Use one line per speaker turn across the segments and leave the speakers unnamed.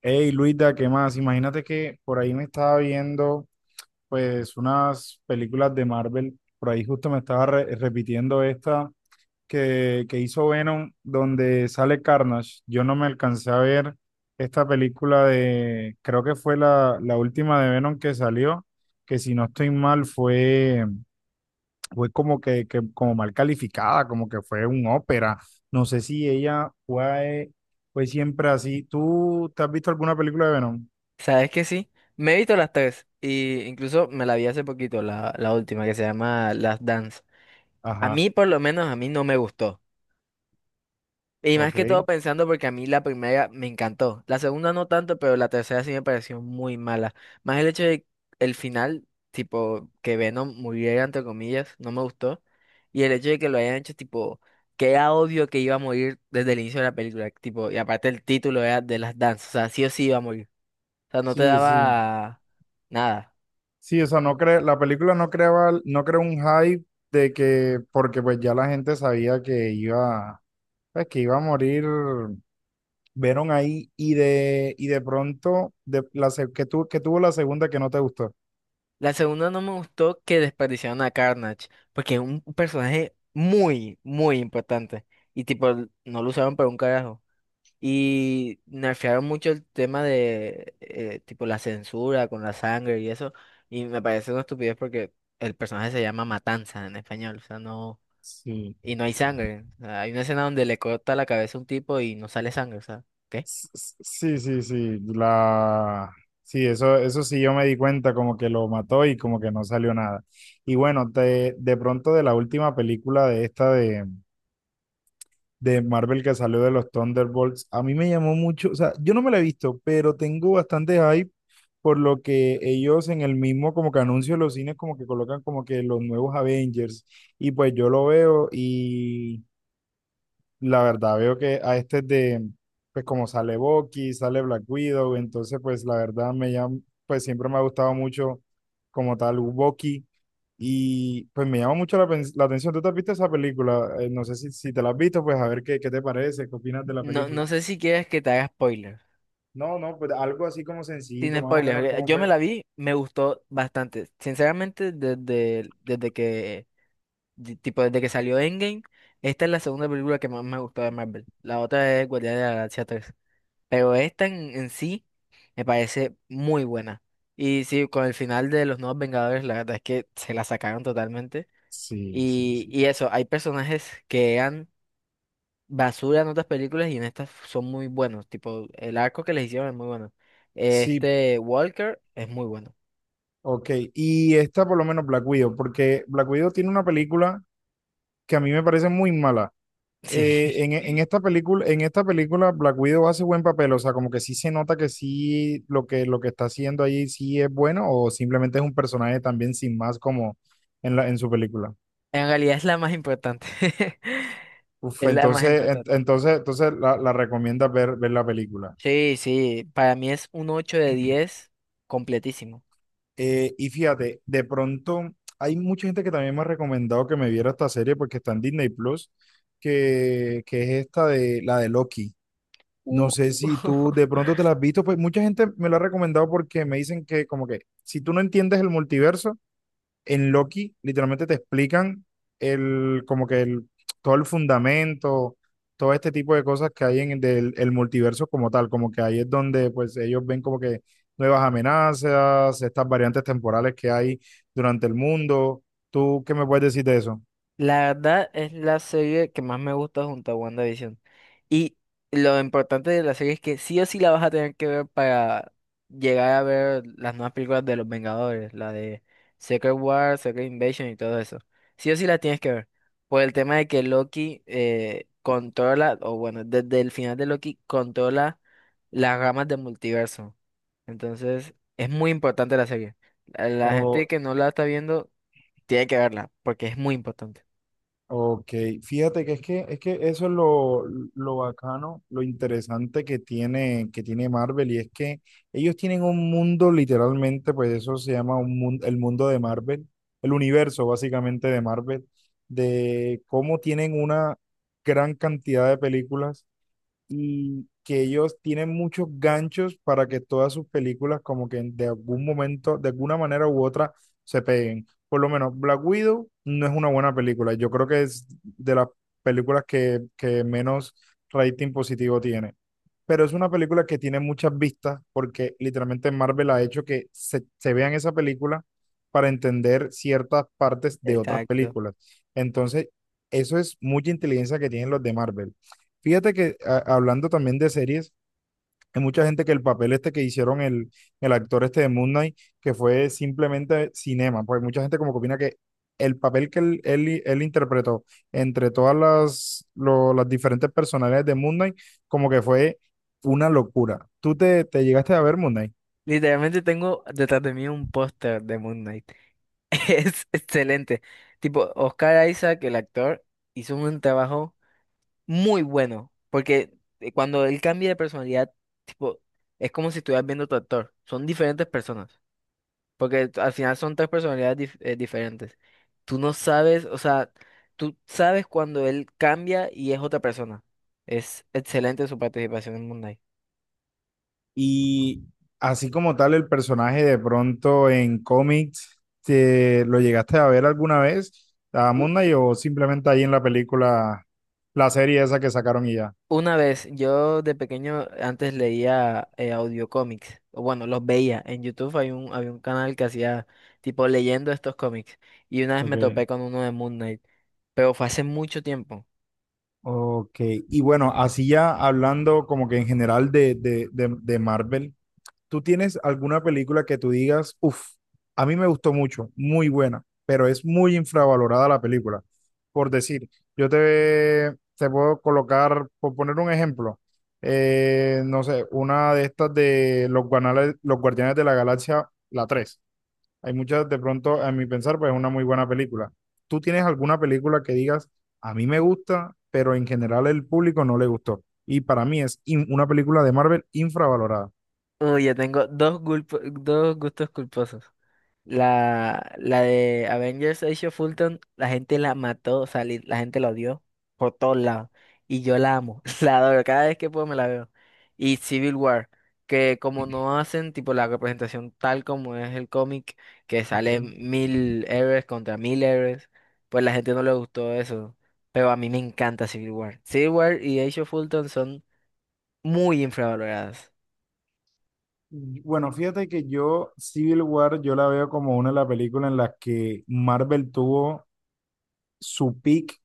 Hey Luisa, ¿qué más? Imagínate que por ahí me estaba viendo pues unas películas de Marvel, por ahí justo me estaba repitiendo esta que hizo Venom donde sale Carnage. Yo no me alcancé a ver esta película de, creo que fue la última de Venom que salió, que si no estoy mal fue como que como mal calificada, como que fue un ópera. No sé si ella fue siempre así. ¿Tú te has visto alguna película de Venom?
¿Sabes que sí? Me he visto las tres y incluso me la vi hace poquito, la última que se llama Las Dance. A
Ajá,
mí por lo menos a mí no me gustó. Y más que todo
ok.
pensando porque a mí la primera me encantó. La segunda no tanto, pero la tercera sí me pareció muy mala. Más el hecho de el final, tipo, que Venom muriera entre comillas, no me gustó. Y el hecho de que lo hayan hecho tipo, que era obvio que iba a morir desde el inicio de la película. Tipo, y aparte el título era de Las Dance. O sea, sí o sí iba a morir. O sea, no te
Sí, sí.
daba nada.
Sí, o sea, no cre la película no creaba, no creó un hype de que, porque pues ya la gente sabía que iba, pues, que iba a morir Venom ahí y de pronto de la que que tuvo la segunda que no te gustó.
La segunda no me gustó que desperdiciaron a Carnage, porque es un personaje muy, muy importante. Y tipo, no lo usaron para un carajo. Y nerfearon mucho el tema de, tipo, la censura con la sangre y eso. Y me parece una estupidez porque el personaje se llama Matanza en español. O sea, no.
Sí.
Y no hay sangre. O sea, hay una escena donde le corta la cabeza a un tipo y no sale sangre. O sea, ¿qué?
Sí, sí, sí. La sí, eso sí yo me di cuenta, como que lo mató y como que no salió nada. Y bueno, de pronto de la última película de esta de Marvel que salió de los Thunderbolts. A mí me llamó mucho, o sea, yo no me la he visto, pero tengo bastante hype por lo que ellos en el mismo como que anuncio de los cines como que colocan como que los nuevos Avengers y pues yo lo veo y la verdad, veo que a este de, pues como sale Bucky, sale Black Widow, entonces pues la verdad me llama, pues siempre me ha gustado mucho como tal Bucky y pues me llama mucho la atención. ¿Tú te has visto esa película? No sé si te la has visto, pues a ver qué te parece, qué opinas de la
No, no
película.
sé si quieres que te haga spoiler.
No, no, pues algo así como
Sin
sencillito, más o menos
spoilers,
cómo
yo me
fue.
la vi, me gustó bastante. Sinceramente, desde que salió Endgame, esta es la segunda película que más me gustó de Marvel. La otra es Guardianes de la Galaxia tres. Pero esta en sí me parece muy buena. Y sí, con el final de Los Nuevos Vengadores, la verdad es que se la sacaron totalmente.
Sí, sí,
Y
sí.
eso, hay personajes que eran basura en otras películas y en estas son muy buenos. Tipo, el arco que les hicieron es muy bueno.
Sí,
Este Walker es muy bueno.
ok. Y esta por lo menos Black Widow, porque Black Widow tiene una película que a mí me parece muy mala.
Sí,
En esta película Black Widow hace buen papel, o sea, como que sí se nota que sí lo lo que está haciendo ahí sí es bueno, o simplemente es un personaje también sin más como en en su película.
en realidad es la más importante.
Uf,
Es la más importante.
entonces la recomienda ver la película.
Sí, sí, para mí es un 8/10, completísimo.
Y fíjate, de pronto hay mucha gente que también me ha recomendado que me viera esta serie porque está en Disney Plus, que es esta de la de Loki.
Uh.
No sé si tú de pronto te la has visto, pues mucha gente me lo ha recomendado porque me dicen que como que si tú no entiendes el multiverso, en Loki literalmente te explican el como que todo el fundamento, todo este tipo de cosas que hay en el multiverso como tal, como que ahí es donde pues ellos ven como que nuevas amenazas, estas variantes temporales que hay durante el mundo. ¿Tú qué me puedes decir de eso?
La verdad es la serie que más me gusta junto a WandaVision. Y lo importante de la serie es que sí o sí la vas a tener que ver para llegar a ver las nuevas películas de los Vengadores, la de Secret War, Secret Invasion y todo eso. Sí o sí la tienes que ver. Por el tema de que Loki controla, o bueno, desde el final de Loki controla las ramas del multiverso. Entonces, es muy importante la serie. A la gente que no la está viendo tiene que verla, porque es muy importante.
Ok, fíjate que es es que eso es lo bacano, lo interesante que que tiene Marvel, y es que ellos tienen un mundo literalmente, pues eso se llama un mundo, el mundo de Marvel, el universo básicamente de Marvel, de cómo tienen una gran cantidad de películas y que ellos tienen muchos ganchos para que todas sus películas como que de algún momento, de alguna manera u otra, se peguen. Por lo menos Black Widow no es una buena película. Yo creo que es de las películas que menos rating positivo tiene. Pero es una película que tiene muchas vistas porque literalmente Marvel ha hecho que se vean esa película para entender ciertas partes de otras
Exacto.
películas. Entonces, eso es mucha inteligencia que tienen los de Marvel. Fíjate que hablando también de series, hay mucha gente que el papel este que hicieron el actor este de Moon Knight, que fue simplemente cinema, pues mucha gente como que opina que el papel que él interpretó entre todas las diferentes personalidades de Moon Knight, como que fue una locura. ¿Tú te llegaste a ver Moon Knight?
Literalmente tengo detrás de mí un póster de Moon Knight. Es excelente. Tipo, Oscar Isaac, el actor, hizo un trabajo muy bueno, porque cuando él cambia de personalidad, tipo, es como si estuvieras viendo otro actor. Son diferentes personas, porque al final son tres personalidades diferentes. Tú no sabes, o sea, tú sabes cuando él cambia y es otra persona. Es excelente su participación en Moon Knight.
Y así como tal, el personaje de pronto en cómics, ¿te lo llegaste a ver alguna vez a Moon Knight o simplemente ahí en la película, la serie esa que sacaron y ya?
Una vez, yo de pequeño antes leía audiocómics, o bueno, los veía. En YouTube hay un, había un canal que hacía tipo leyendo estos cómics. Y una vez me
Ok,
topé con uno de Moon Knight, pero fue hace mucho tiempo.
ok. Y bueno, así ya hablando como que en general de Marvel, ¿tú tienes alguna película que tú digas, uff, a mí me gustó mucho, muy buena, pero es muy infravalorada la película? Por decir, yo te puedo colocar, por poner un ejemplo, no sé, una de estas de los, los Guardianes de la Galaxia, la 3. Hay muchas, de pronto, a mi pensar, pues es una muy buena película. ¿Tú tienes alguna película que digas, a mí me gusta, pero en general el público no le gustó? Y para mí es una película de Marvel infravalorada.
Uy, ya tengo dos gustos culposos. La de Avengers Age of Ultron, la gente la mató, o sea, la gente la odió por todos lados. Y yo la amo, la adoro, cada vez que puedo me la veo. Y Civil War, que como no hacen tipo la representación tal como es el cómic, que
Ok.
salen 1000 héroes contra 1000 héroes, pues la gente no le gustó eso. Pero a mí me encanta Civil War. Civil War y Age of Ultron son muy infravaloradas.
Bueno, fíjate que yo Civil War yo la veo como una de las películas en las que Marvel tuvo su peak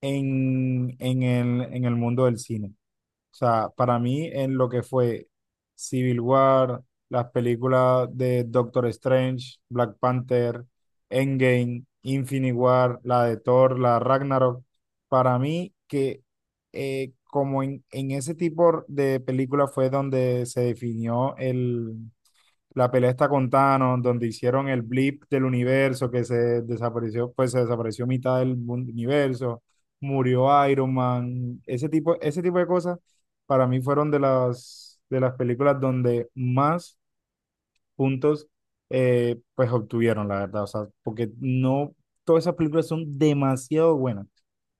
en el mundo del cine. O sea, para mí en lo que fue Civil War, las películas de Doctor Strange, Black Panther, Endgame, Infinity War, la de Thor, la Ragnarok, para mí que como en ese tipo de película fue donde se definió el la pelea está con Thanos, donde hicieron el blip del universo que se desapareció, pues se desapareció mitad del universo, murió Iron Man, ese tipo de cosas para mí fueron de de las películas donde más puntos pues obtuvieron, la verdad. O sea, porque no, todas esas películas son demasiado buenas.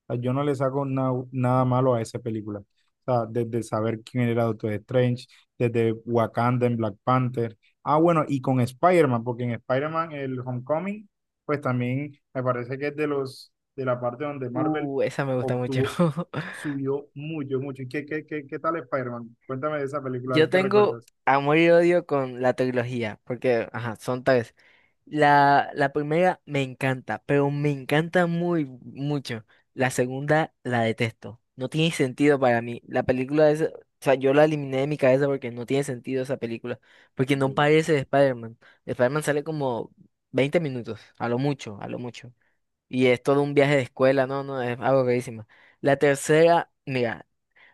O sea, yo no le saco nada malo a esa película. O sea, desde saber quién era Doctor Strange, desde Wakanda en Black Panther. Ah, bueno, y con Spider-Man, porque en Spider-Man, el Homecoming, pues también me parece que es de los, de la parte donde Marvel
Esa me gusta mucho.
obtuvo, subió mucho, mucho. ¿Y qué tal Spider-Man? Cuéntame de esa película, a
Yo
ver qué
tengo
recuerdas.
amor y odio con la trilogía, porque, ajá, son tres. La primera me encanta, pero me encanta muy mucho. La segunda la detesto. No tiene sentido para mí. La película es, o sea, yo la eliminé de mi cabeza porque no tiene sentido esa película, porque
Ok.
no parece de Spider-Man. De Spider-Man sale como 20 minutos, a lo mucho, a lo mucho. Y es todo un viaje de escuela, no, no, es algo rarísimo. La tercera, mira.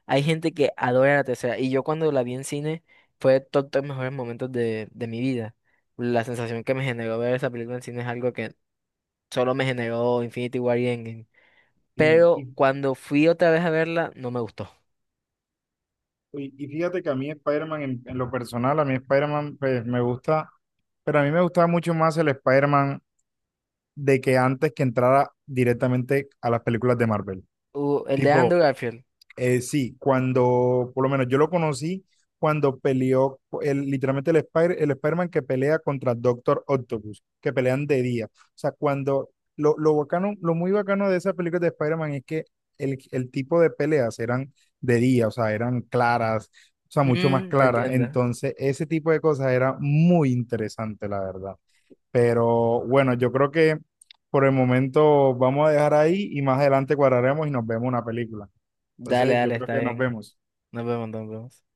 Hay gente que adora la tercera. Y yo cuando la vi en cine fue todos los mejores momentos de mi vida. La sensación que me generó ver esa película en cine es algo que solo me generó Infinity War y Endgame.
Y,
Pero
y
cuando fui otra vez a verla, no me gustó.
y fíjate que a mí Spider-Man, en lo personal, a mí Spider-Man pues, me gusta, pero a mí me gustaba mucho más el Spider-Man de que antes que entrara directamente a las películas de Marvel.
El de
Tipo,
Andrew Garfield.
sí, cuando, por lo menos yo lo conocí cuando peleó literalmente el Spider-Man que pelea contra Doctor Octopus, que pelean de día. O sea, cuando lo bacano, lo muy bacano de esa película de Spider-Man es que el tipo de peleas eran de día, o sea, eran claras, o sea, mucho más
Mm,
claras.
entiendo.
Entonces, ese tipo de cosas era muy interesante, la verdad. Pero bueno, yo creo que por el momento vamos a dejar ahí y más adelante cuadraremos y nos vemos una película.
Dale,
Entonces, yo
dale,
creo
está
que nos
bien.
vemos.
Nos vemos, nos vemos.